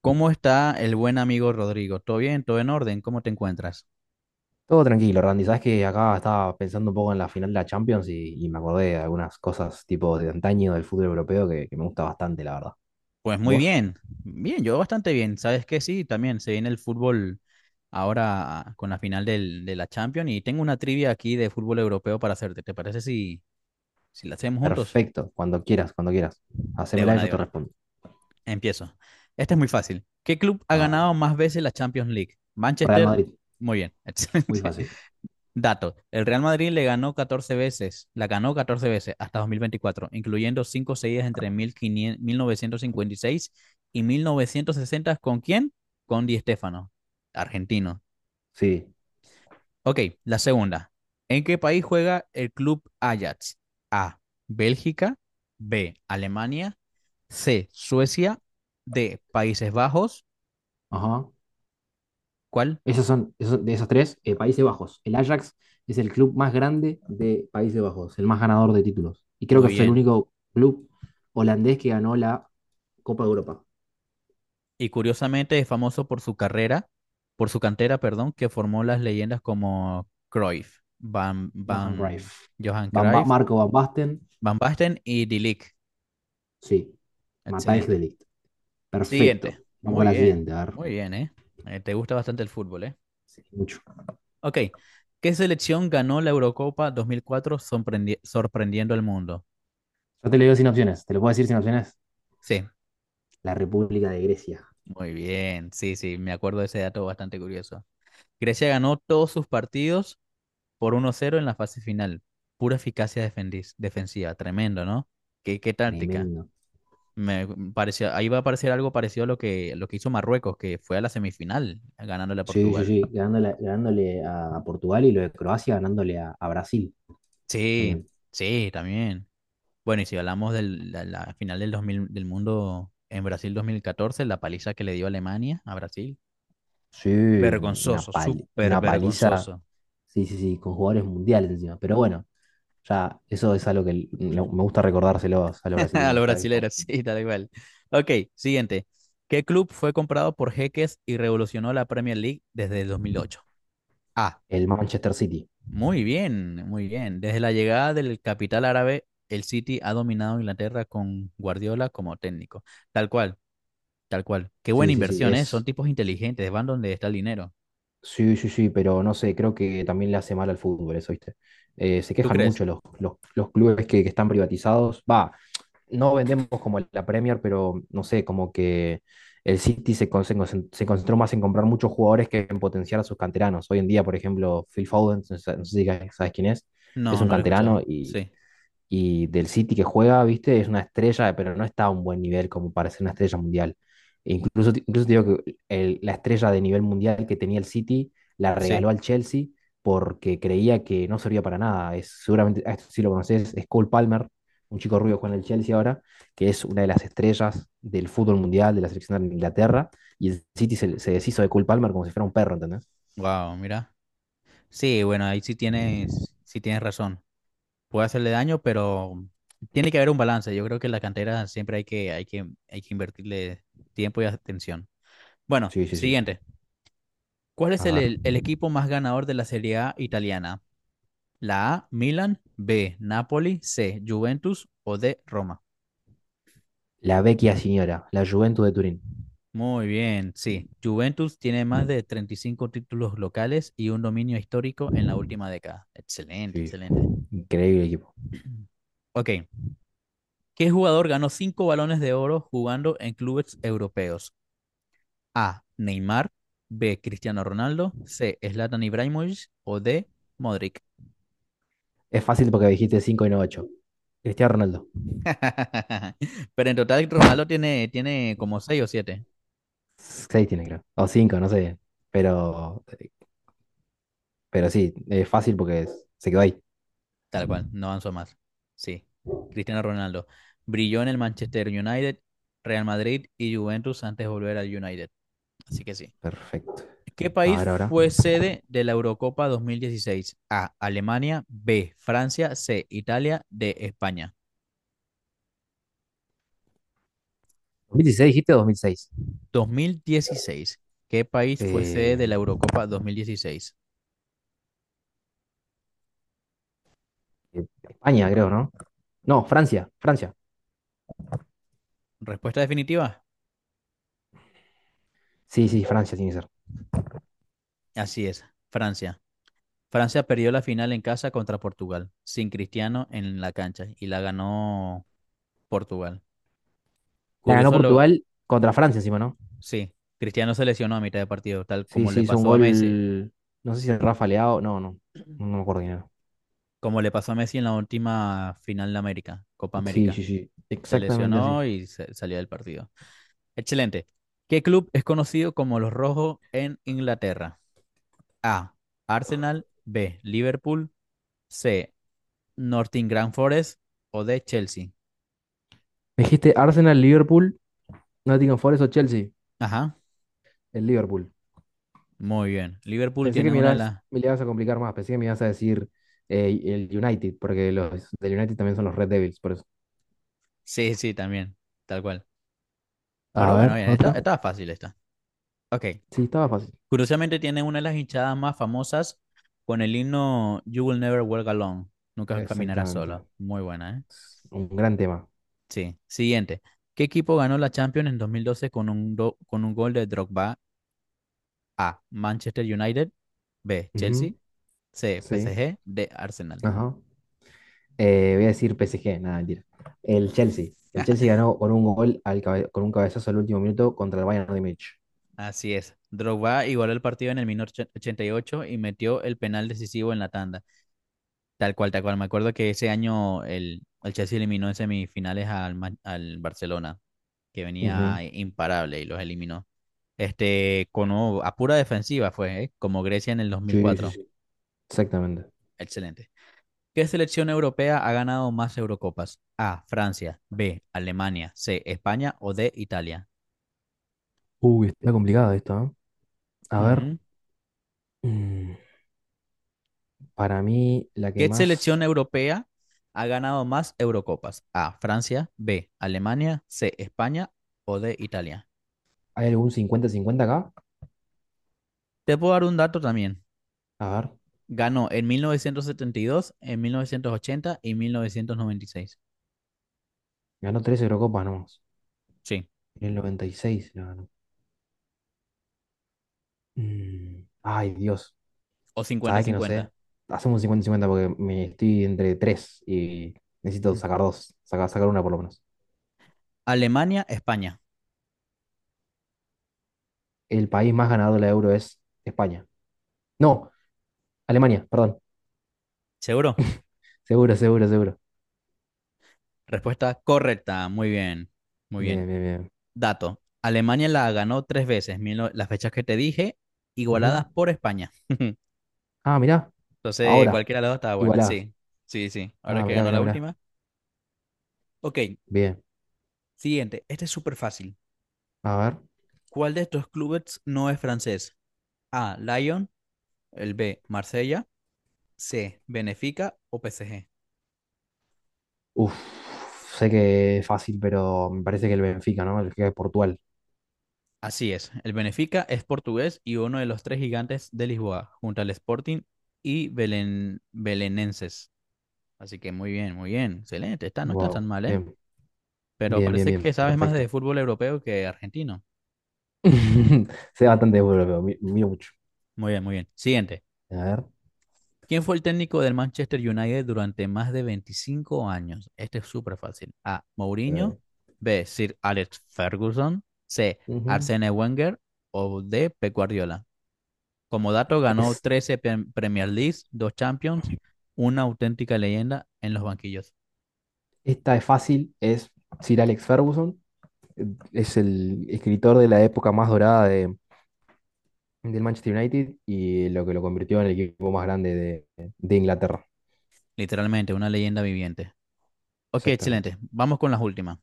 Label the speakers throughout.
Speaker 1: ¿Cómo está el buen amigo Rodrigo? ¿Todo bien? ¿Todo en orden? ¿Cómo te encuentras?
Speaker 2: Todo tranquilo, Randy. Sabes que acá estaba pensando un poco en la final de la Champions y me acordé de algunas cosas tipo de antaño del fútbol europeo que me gusta bastante, la verdad.
Speaker 1: Pues muy
Speaker 2: ¿Vos?
Speaker 1: bien, bien, yo bastante bien. ¿Sabes qué? Sí, también se viene el fútbol ahora con la final de la Champions y tengo una trivia aquí de fútbol europeo para hacerte. ¿Te parece si la hacemos juntos?
Speaker 2: Perfecto. Cuando quieras, cuando quieras.
Speaker 1: De
Speaker 2: Hacémela y
Speaker 1: una,
Speaker 2: yo
Speaker 1: de
Speaker 2: te
Speaker 1: una.
Speaker 2: respondo.
Speaker 1: Empiezo. Esta es muy fácil. ¿Qué club ha
Speaker 2: Ah,
Speaker 1: ganado más veces la Champions League?
Speaker 2: Real
Speaker 1: Manchester.
Speaker 2: Madrid.
Speaker 1: Muy bien,
Speaker 2: Muy
Speaker 1: excelente.
Speaker 2: fácil.
Speaker 1: Dato, el Real Madrid le ganó 14 veces, la ganó 14 veces hasta 2024, incluyendo cinco seguidas entre 1500 1956 y 1960. ¿Con quién? Con Di Stéfano, argentino.
Speaker 2: Sí.
Speaker 1: Ok, la segunda. ¿En qué país juega el club Ajax? A. Bélgica. B. Alemania. C. Suecia. D. Países Bajos.
Speaker 2: Ajá.
Speaker 1: ¿Cuál?
Speaker 2: De esos tres, Países Bajos. El Ajax es el club más grande de Países Bajos, el más ganador de títulos. Y creo
Speaker 1: Muy
Speaker 2: que es el
Speaker 1: bien.
Speaker 2: único club holandés que ganó la Copa de Europa.
Speaker 1: Y curiosamente es famoso por su carrera, por su cantera, perdón, que formó las leyendas como Cruyff,
Speaker 2: Johan Greif.
Speaker 1: Johan Cruyff,
Speaker 2: Marco Van Basten,
Speaker 1: Van Basten y De Ligt.
Speaker 2: sí. Matthijs de
Speaker 1: Excelente.
Speaker 2: Ligt.
Speaker 1: Siguiente.
Speaker 2: Perfecto. Vamos a la siguiente, a ver.
Speaker 1: Muy bien, ¿eh? Te gusta bastante el fútbol, ¿eh?
Speaker 2: Sí, mucho.
Speaker 1: Ok. ¿Qué selección ganó la Eurocopa 2004 sorprendiendo al mundo?
Speaker 2: Yo te lo digo sin opciones. ¿Te lo puedo decir sin opciones?
Speaker 1: Sí,
Speaker 2: La República de Grecia.
Speaker 1: muy bien. Sí, sí, me acuerdo de ese dato bastante curioso. Grecia ganó todos sus partidos por 1-0 en la fase final. Pura eficacia defensiva, tremendo, ¿no? ¿Qué táctica?
Speaker 2: Tremendo.
Speaker 1: Me pareció, ahí va a parecer algo parecido a lo que hizo Marruecos, que fue a la semifinal ganándole a
Speaker 2: Sí, sí,
Speaker 1: Portugal.
Speaker 2: sí. Ganándole, ganándole a Portugal y lo de Croacia ganándole a Brasil
Speaker 1: Sí,
Speaker 2: también.
Speaker 1: sí, también. Bueno, y si hablamos de la final del 2000 del mundo en Brasil 2014 la paliza que le dio Alemania a Brasil,
Speaker 2: Sí, una
Speaker 1: vergonzoso, súper
Speaker 2: una paliza.
Speaker 1: vergonzoso.
Speaker 2: Sí, sí, sí, con jugadores mundiales encima. Pero bueno, ya eso es algo que me gusta recordárselos a los
Speaker 1: A
Speaker 2: brasileños
Speaker 1: los
Speaker 2: cada vez que jugamos.
Speaker 1: brasileros, sí, tal cual. Ok, siguiente. ¿Qué club fue comprado por Jeques y revolucionó la Premier League desde el 2008? Ah.
Speaker 2: El Manchester City.
Speaker 1: Muy bien, muy bien. Desde la llegada del capital árabe, el City ha dominado Inglaterra con Guardiola como técnico. Tal cual, tal cual. Qué buena
Speaker 2: Sí, sí, sí.
Speaker 1: inversión, ¿eh? Son
Speaker 2: Es.
Speaker 1: tipos inteligentes, van donde está el dinero.
Speaker 2: Sí, sí, sí, pero no sé, creo que también le hace mal al fútbol eso, ¿viste? Se
Speaker 1: ¿Tú
Speaker 2: quejan
Speaker 1: crees?
Speaker 2: mucho los clubes que están privatizados. Va, no vendemos como la Premier, pero no sé, como que el City se concentró más en comprar muchos jugadores que en potenciar a sus canteranos. Hoy en día, por ejemplo, Phil Foden, no sé si sabes quién es
Speaker 1: No,
Speaker 2: un
Speaker 1: no lo he
Speaker 2: canterano
Speaker 1: escuchado.
Speaker 2: y
Speaker 1: Sí,
Speaker 2: y del City que juega, viste, es una estrella, pero no está a un buen nivel como para ser una estrella mundial. E incluso, incluso te digo que la estrella de nivel mundial que tenía el City la
Speaker 1: sí.
Speaker 2: regaló al Chelsea porque creía que no servía para nada. Es, seguramente, a esto sí lo conoces, es Cole Palmer, un chico rubio que juega en el Chelsea ahora, que es una de las estrellas del fútbol mundial, de la selección de Inglaterra, y el City se deshizo de Cole Palmer como si fuera un perro, ¿entendés?
Speaker 1: Wow, mira. Sí, bueno, ahí sí tienes razón. Puede hacerle daño, pero tiene que haber un balance. Yo creo que en la cantera siempre hay que invertirle tiempo y atención. Bueno,
Speaker 2: Sí, sí, sí.
Speaker 1: siguiente. ¿Cuál es
Speaker 2: A
Speaker 1: el,
Speaker 2: ver.
Speaker 1: el- el equipo más ganador de la Serie A italiana? La A, Milan, B, Napoli, C, Juventus o D, Roma.
Speaker 2: La Vecchia Signora, la Juventus de Turín.
Speaker 1: Muy bien, sí. Juventus tiene más de 35 títulos locales y un dominio histórico en la última década. Excelente,
Speaker 2: Sí,
Speaker 1: excelente.
Speaker 2: increíble equipo.
Speaker 1: Ok. ¿Qué jugador ganó 5 balones de oro jugando en clubes europeos? A. Neymar. B. Cristiano Ronaldo. C. Zlatan Ibrahimovic. O D. Modric.
Speaker 2: Es fácil porque dijiste 5 y no ocho. Cristiano Ronaldo.
Speaker 1: Pero en total, Ronaldo tiene como seis o siete.
Speaker 2: Seis tiene, creo. O cinco, no sé. Pero, pero sí, es fácil porque se quedó ahí.
Speaker 1: Tal cual, no avanzó más. Sí, Cristiano Ronaldo. Brilló en el Manchester United, Real Madrid y Juventus antes de volver al United. Así que sí.
Speaker 2: Perfecto.
Speaker 1: ¿Qué
Speaker 2: A
Speaker 1: país
Speaker 2: ver, ahora.
Speaker 1: fue sede de la Eurocopa 2016? A. Alemania. B. Francia. C. Italia. D. España.
Speaker 2: ¿2016 dijiste o 2006?
Speaker 1: 2016. ¿Qué país fue sede
Speaker 2: Eh,
Speaker 1: de la Eurocopa 2016?
Speaker 2: España, creo, ¿no? No, Francia. Francia.
Speaker 1: Respuesta definitiva.
Speaker 2: Sí, sí, Francia tiene que ser.
Speaker 1: Así es, Francia. Francia perdió la final en casa contra Portugal, sin Cristiano en la cancha, y la ganó Portugal.
Speaker 2: La ganó
Speaker 1: Curioso lo…
Speaker 2: Portugal contra Francia encima, ¿no?
Speaker 1: Sí, Cristiano se lesionó a mitad de partido, tal
Speaker 2: Sí,
Speaker 1: como
Speaker 2: sí,
Speaker 1: le
Speaker 2: hizo un
Speaker 1: pasó a Messi,
Speaker 2: gol. No sé si el Rafa Leao. No, no. No me acuerdo quién era.
Speaker 1: como le pasó a Messi en la última final de América, Copa
Speaker 2: Sí, sí,
Speaker 1: América.
Speaker 2: sí.
Speaker 1: Se
Speaker 2: Exactamente
Speaker 1: lesionó
Speaker 2: así.
Speaker 1: y salió del partido. Excelente. ¿Qué club es conocido como los Rojos en Inglaterra? A. Arsenal. B. Liverpool. C. Nottingham Forest. O D. Chelsea.
Speaker 2: Me dijiste Arsenal, Liverpool, Nottingham Forest o Chelsea.
Speaker 1: Ajá.
Speaker 2: El Liverpool.
Speaker 1: Muy bien. Liverpool
Speaker 2: Pensé que
Speaker 1: tiene
Speaker 2: me
Speaker 1: una de
Speaker 2: ibas,
Speaker 1: las.
Speaker 2: Me le ibas a complicar más, pensé que me ibas a decir el United, porque los del United también son los Red Devils, por eso.
Speaker 1: Sí, sí, también. Tal cual. Pero
Speaker 2: A
Speaker 1: bueno,
Speaker 2: ver,
Speaker 1: bien, está,
Speaker 2: otra.
Speaker 1: está fácil esta. Ok.
Speaker 2: Sí, estaba fácil.
Speaker 1: Curiosamente tiene una de las hinchadas más famosas con el himno You Will Never Walk Alone. Nunca caminarás
Speaker 2: Exactamente.
Speaker 1: solo. Muy buena, ¿eh?
Speaker 2: Es un gran tema.
Speaker 1: Sí. Siguiente. ¿Qué equipo ganó la Champions en 2012 con con un gol de Drogba? A. Manchester United. B.
Speaker 2: Ujú.
Speaker 1: Chelsea. C.
Speaker 2: Sí.
Speaker 1: PSG. D. Arsenal.
Speaker 2: Ajá. Voy a decir PSG, nada, mentira. El Chelsea. El Chelsea ganó con un gol con un cabezazo al último minuto contra el Bayern de Múnich.
Speaker 1: Así es. Drogba igualó el partido en el 88 y metió el penal decisivo en la tanda. Tal cual, tal cual. Me acuerdo que ese año el Chelsea eliminó en semifinales al Barcelona, que
Speaker 2: Ujú.
Speaker 1: venía imparable y los eliminó. Este, a pura defensiva fue, ¿eh? Como Grecia en el
Speaker 2: Sí, sí,
Speaker 1: 2004.
Speaker 2: sí. Exactamente.
Speaker 1: Excelente. ¿Qué selección europea ha ganado más Eurocopas? A, Francia, B, Alemania, C, España o D, Italia.
Speaker 2: Uy, está complicada esta, ¿eh? A ver. Mm, Para mí, la que
Speaker 1: ¿Qué
Speaker 2: más...
Speaker 1: selección europea ha ganado más Eurocopas? A, Francia, B, Alemania, C, España o D, Italia.
Speaker 2: ¿Hay algún cincuenta cincuenta acá?
Speaker 1: Te puedo dar un dato también.
Speaker 2: A ver,
Speaker 1: Ganó en 1972, en 1980 y 1996.
Speaker 2: ganó tres Eurocopas nomás.
Speaker 1: Sí,
Speaker 2: En el 96 la ganó. Mm, Ay, Dios.
Speaker 1: o
Speaker 2: ¿Sabes que no sé?
Speaker 1: cincuenta-cincuenta.
Speaker 2: Hacemos un cincuenta 50 porque me estoy entre tres y necesito
Speaker 1: Mm.
Speaker 2: sacar dos. Sacar una por lo menos.
Speaker 1: Alemania, España.
Speaker 2: El país más ganador de la Euro es España. No, Alemania, perdón.
Speaker 1: ¿Seguro?
Speaker 2: Seguro, seguro, seguro.
Speaker 1: Respuesta correcta. Muy bien, muy bien.
Speaker 2: Bien, bien, bien.
Speaker 1: Dato. Alemania la ganó 3 veces, mil no- las fechas que te dije,
Speaker 2: Ujú.
Speaker 1: igualadas por España.
Speaker 2: Ah, mirá.
Speaker 1: Entonces,
Speaker 2: Ahora,
Speaker 1: cualquiera de las dos estaba buena.
Speaker 2: igualadas.
Speaker 1: Sí, sí, sí. Ahora
Speaker 2: Ah,
Speaker 1: que
Speaker 2: mirá,
Speaker 1: ganó
Speaker 2: mirá,
Speaker 1: la
Speaker 2: mirá.
Speaker 1: última. Ok,
Speaker 2: Bien.
Speaker 1: siguiente. Este es súper fácil.
Speaker 2: A ver.
Speaker 1: ¿Cuál de estos clubes no es francés? A. Lyon. El B. Marsella. C. Benfica o PSG.
Speaker 2: Uf, sé que es fácil, pero me parece que el Benfica, ¿no? El Benfica de Portugal.
Speaker 1: Así es. El Benfica es portugués y uno de los tres gigantes de Lisboa, junto al Sporting y Belenenses. Así que muy bien, muy bien. Excelente. Está, no está tan
Speaker 2: Wow,
Speaker 1: mal, ¿eh?
Speaker 2: bien.
Speaker 1: Pero
Speaker 2: Bien, bien,
Speaker 1: parece que
Speaker 2: bien,
Speaker 1: sabes más de
Speaker 2: perfecto.
Speaker 1: fútbol europeo que argentino.
Speaker 2: Sé bastante bueno, pero miro mucho.
Speaker 1: Muy bien, muy bien. Siguiente.
Speaker 2: A ver.
Speaker 1: ¿Quién fue el técnico del Manchester United durante más de 25 años? Este es súper fácil. A. Mourinho.
Speaker 2: Eh,
Speaker 1: B. Sir Alex Ferguson. C.
Speaker 2: ujú.
Speaker 1: Arsene Wenger. O D. Pep Guardiola. Como dato, ganó
Speaker 2: Es,
Speaker 1: 13 Premier Leagues, 2 Champions, una auténtica leyenda en los banquillos.
Speaker 2: esta es fácil, es Sir Alex Ferguson, es el escritor de la época más dorada de, del Manchester United y lo que lo convirtió en el equipo más grande de Inglaterra.
Speaker 1: Literalmente, una leyenda viviente. Ok,
Speaker 2: Exactamente.
Speaker 1: excelente. Vamos con las últimas.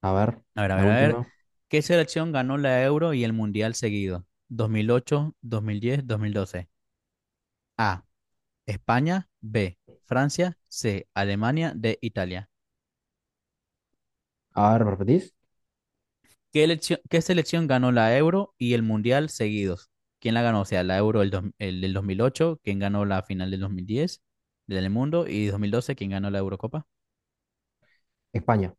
Speaker 2: A ver,
Speaker 1: A ver, a
Speaker 2: la
Speaker 1: ver, a ver.
Speaker 2: última.
Speaker 1: ¿Qué selección ganó la Euro y el Mundial seguido? 2008, 2010, 2012. A. España, B. Francia, C. Alemania, D. Italia.
Speaker 2: A ver, ¿me repetís?
Speaker 1: ¿Qué selección ganó la Euro y el Mundial seguidos? ¿Quién la ganó? O sea, la Euro el del 2008, ¿quién ganó la final del 2010 del mundo? Y 2012, ¿quién ganó la Eurocopa?
Speaker 2: España.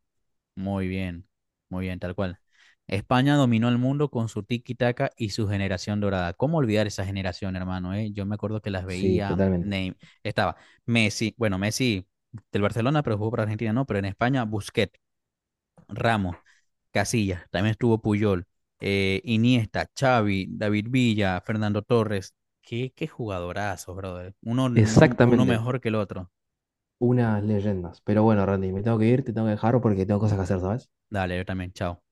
Speaker 1: Muy bien, muy bien, tal cual. España dominó el mundo con su tiki-taka y su generación dorada. ¿Cómo olvidar esa generación, hermano? ¿Eh? Yo me acuerdo que las
Speaker 2: Sí,
Speaker 1: veía.
Speaker 2: totalmente.
Speaker 1: Estaba Messi, bueno, Messi del Barcelona, pero jugó para Argentina, no, pero en España, Busquets, Ramos. Casillas, también estuvo Puyol, Iniesta, Xavi, David Villa, Fernando Torres. Qué jugadorazos, brother. Uno, no, Uno
Speaker 2: Exactamente.
Speaker 1: mejor que el otro.
Speaker 2: Unas leyendas. Pero bueno, Randy, me tengo que ir, te tengo que dejar porque tengo cosas que hacer, ¿sabes?
Speaker 1: Dale, yo también, chao.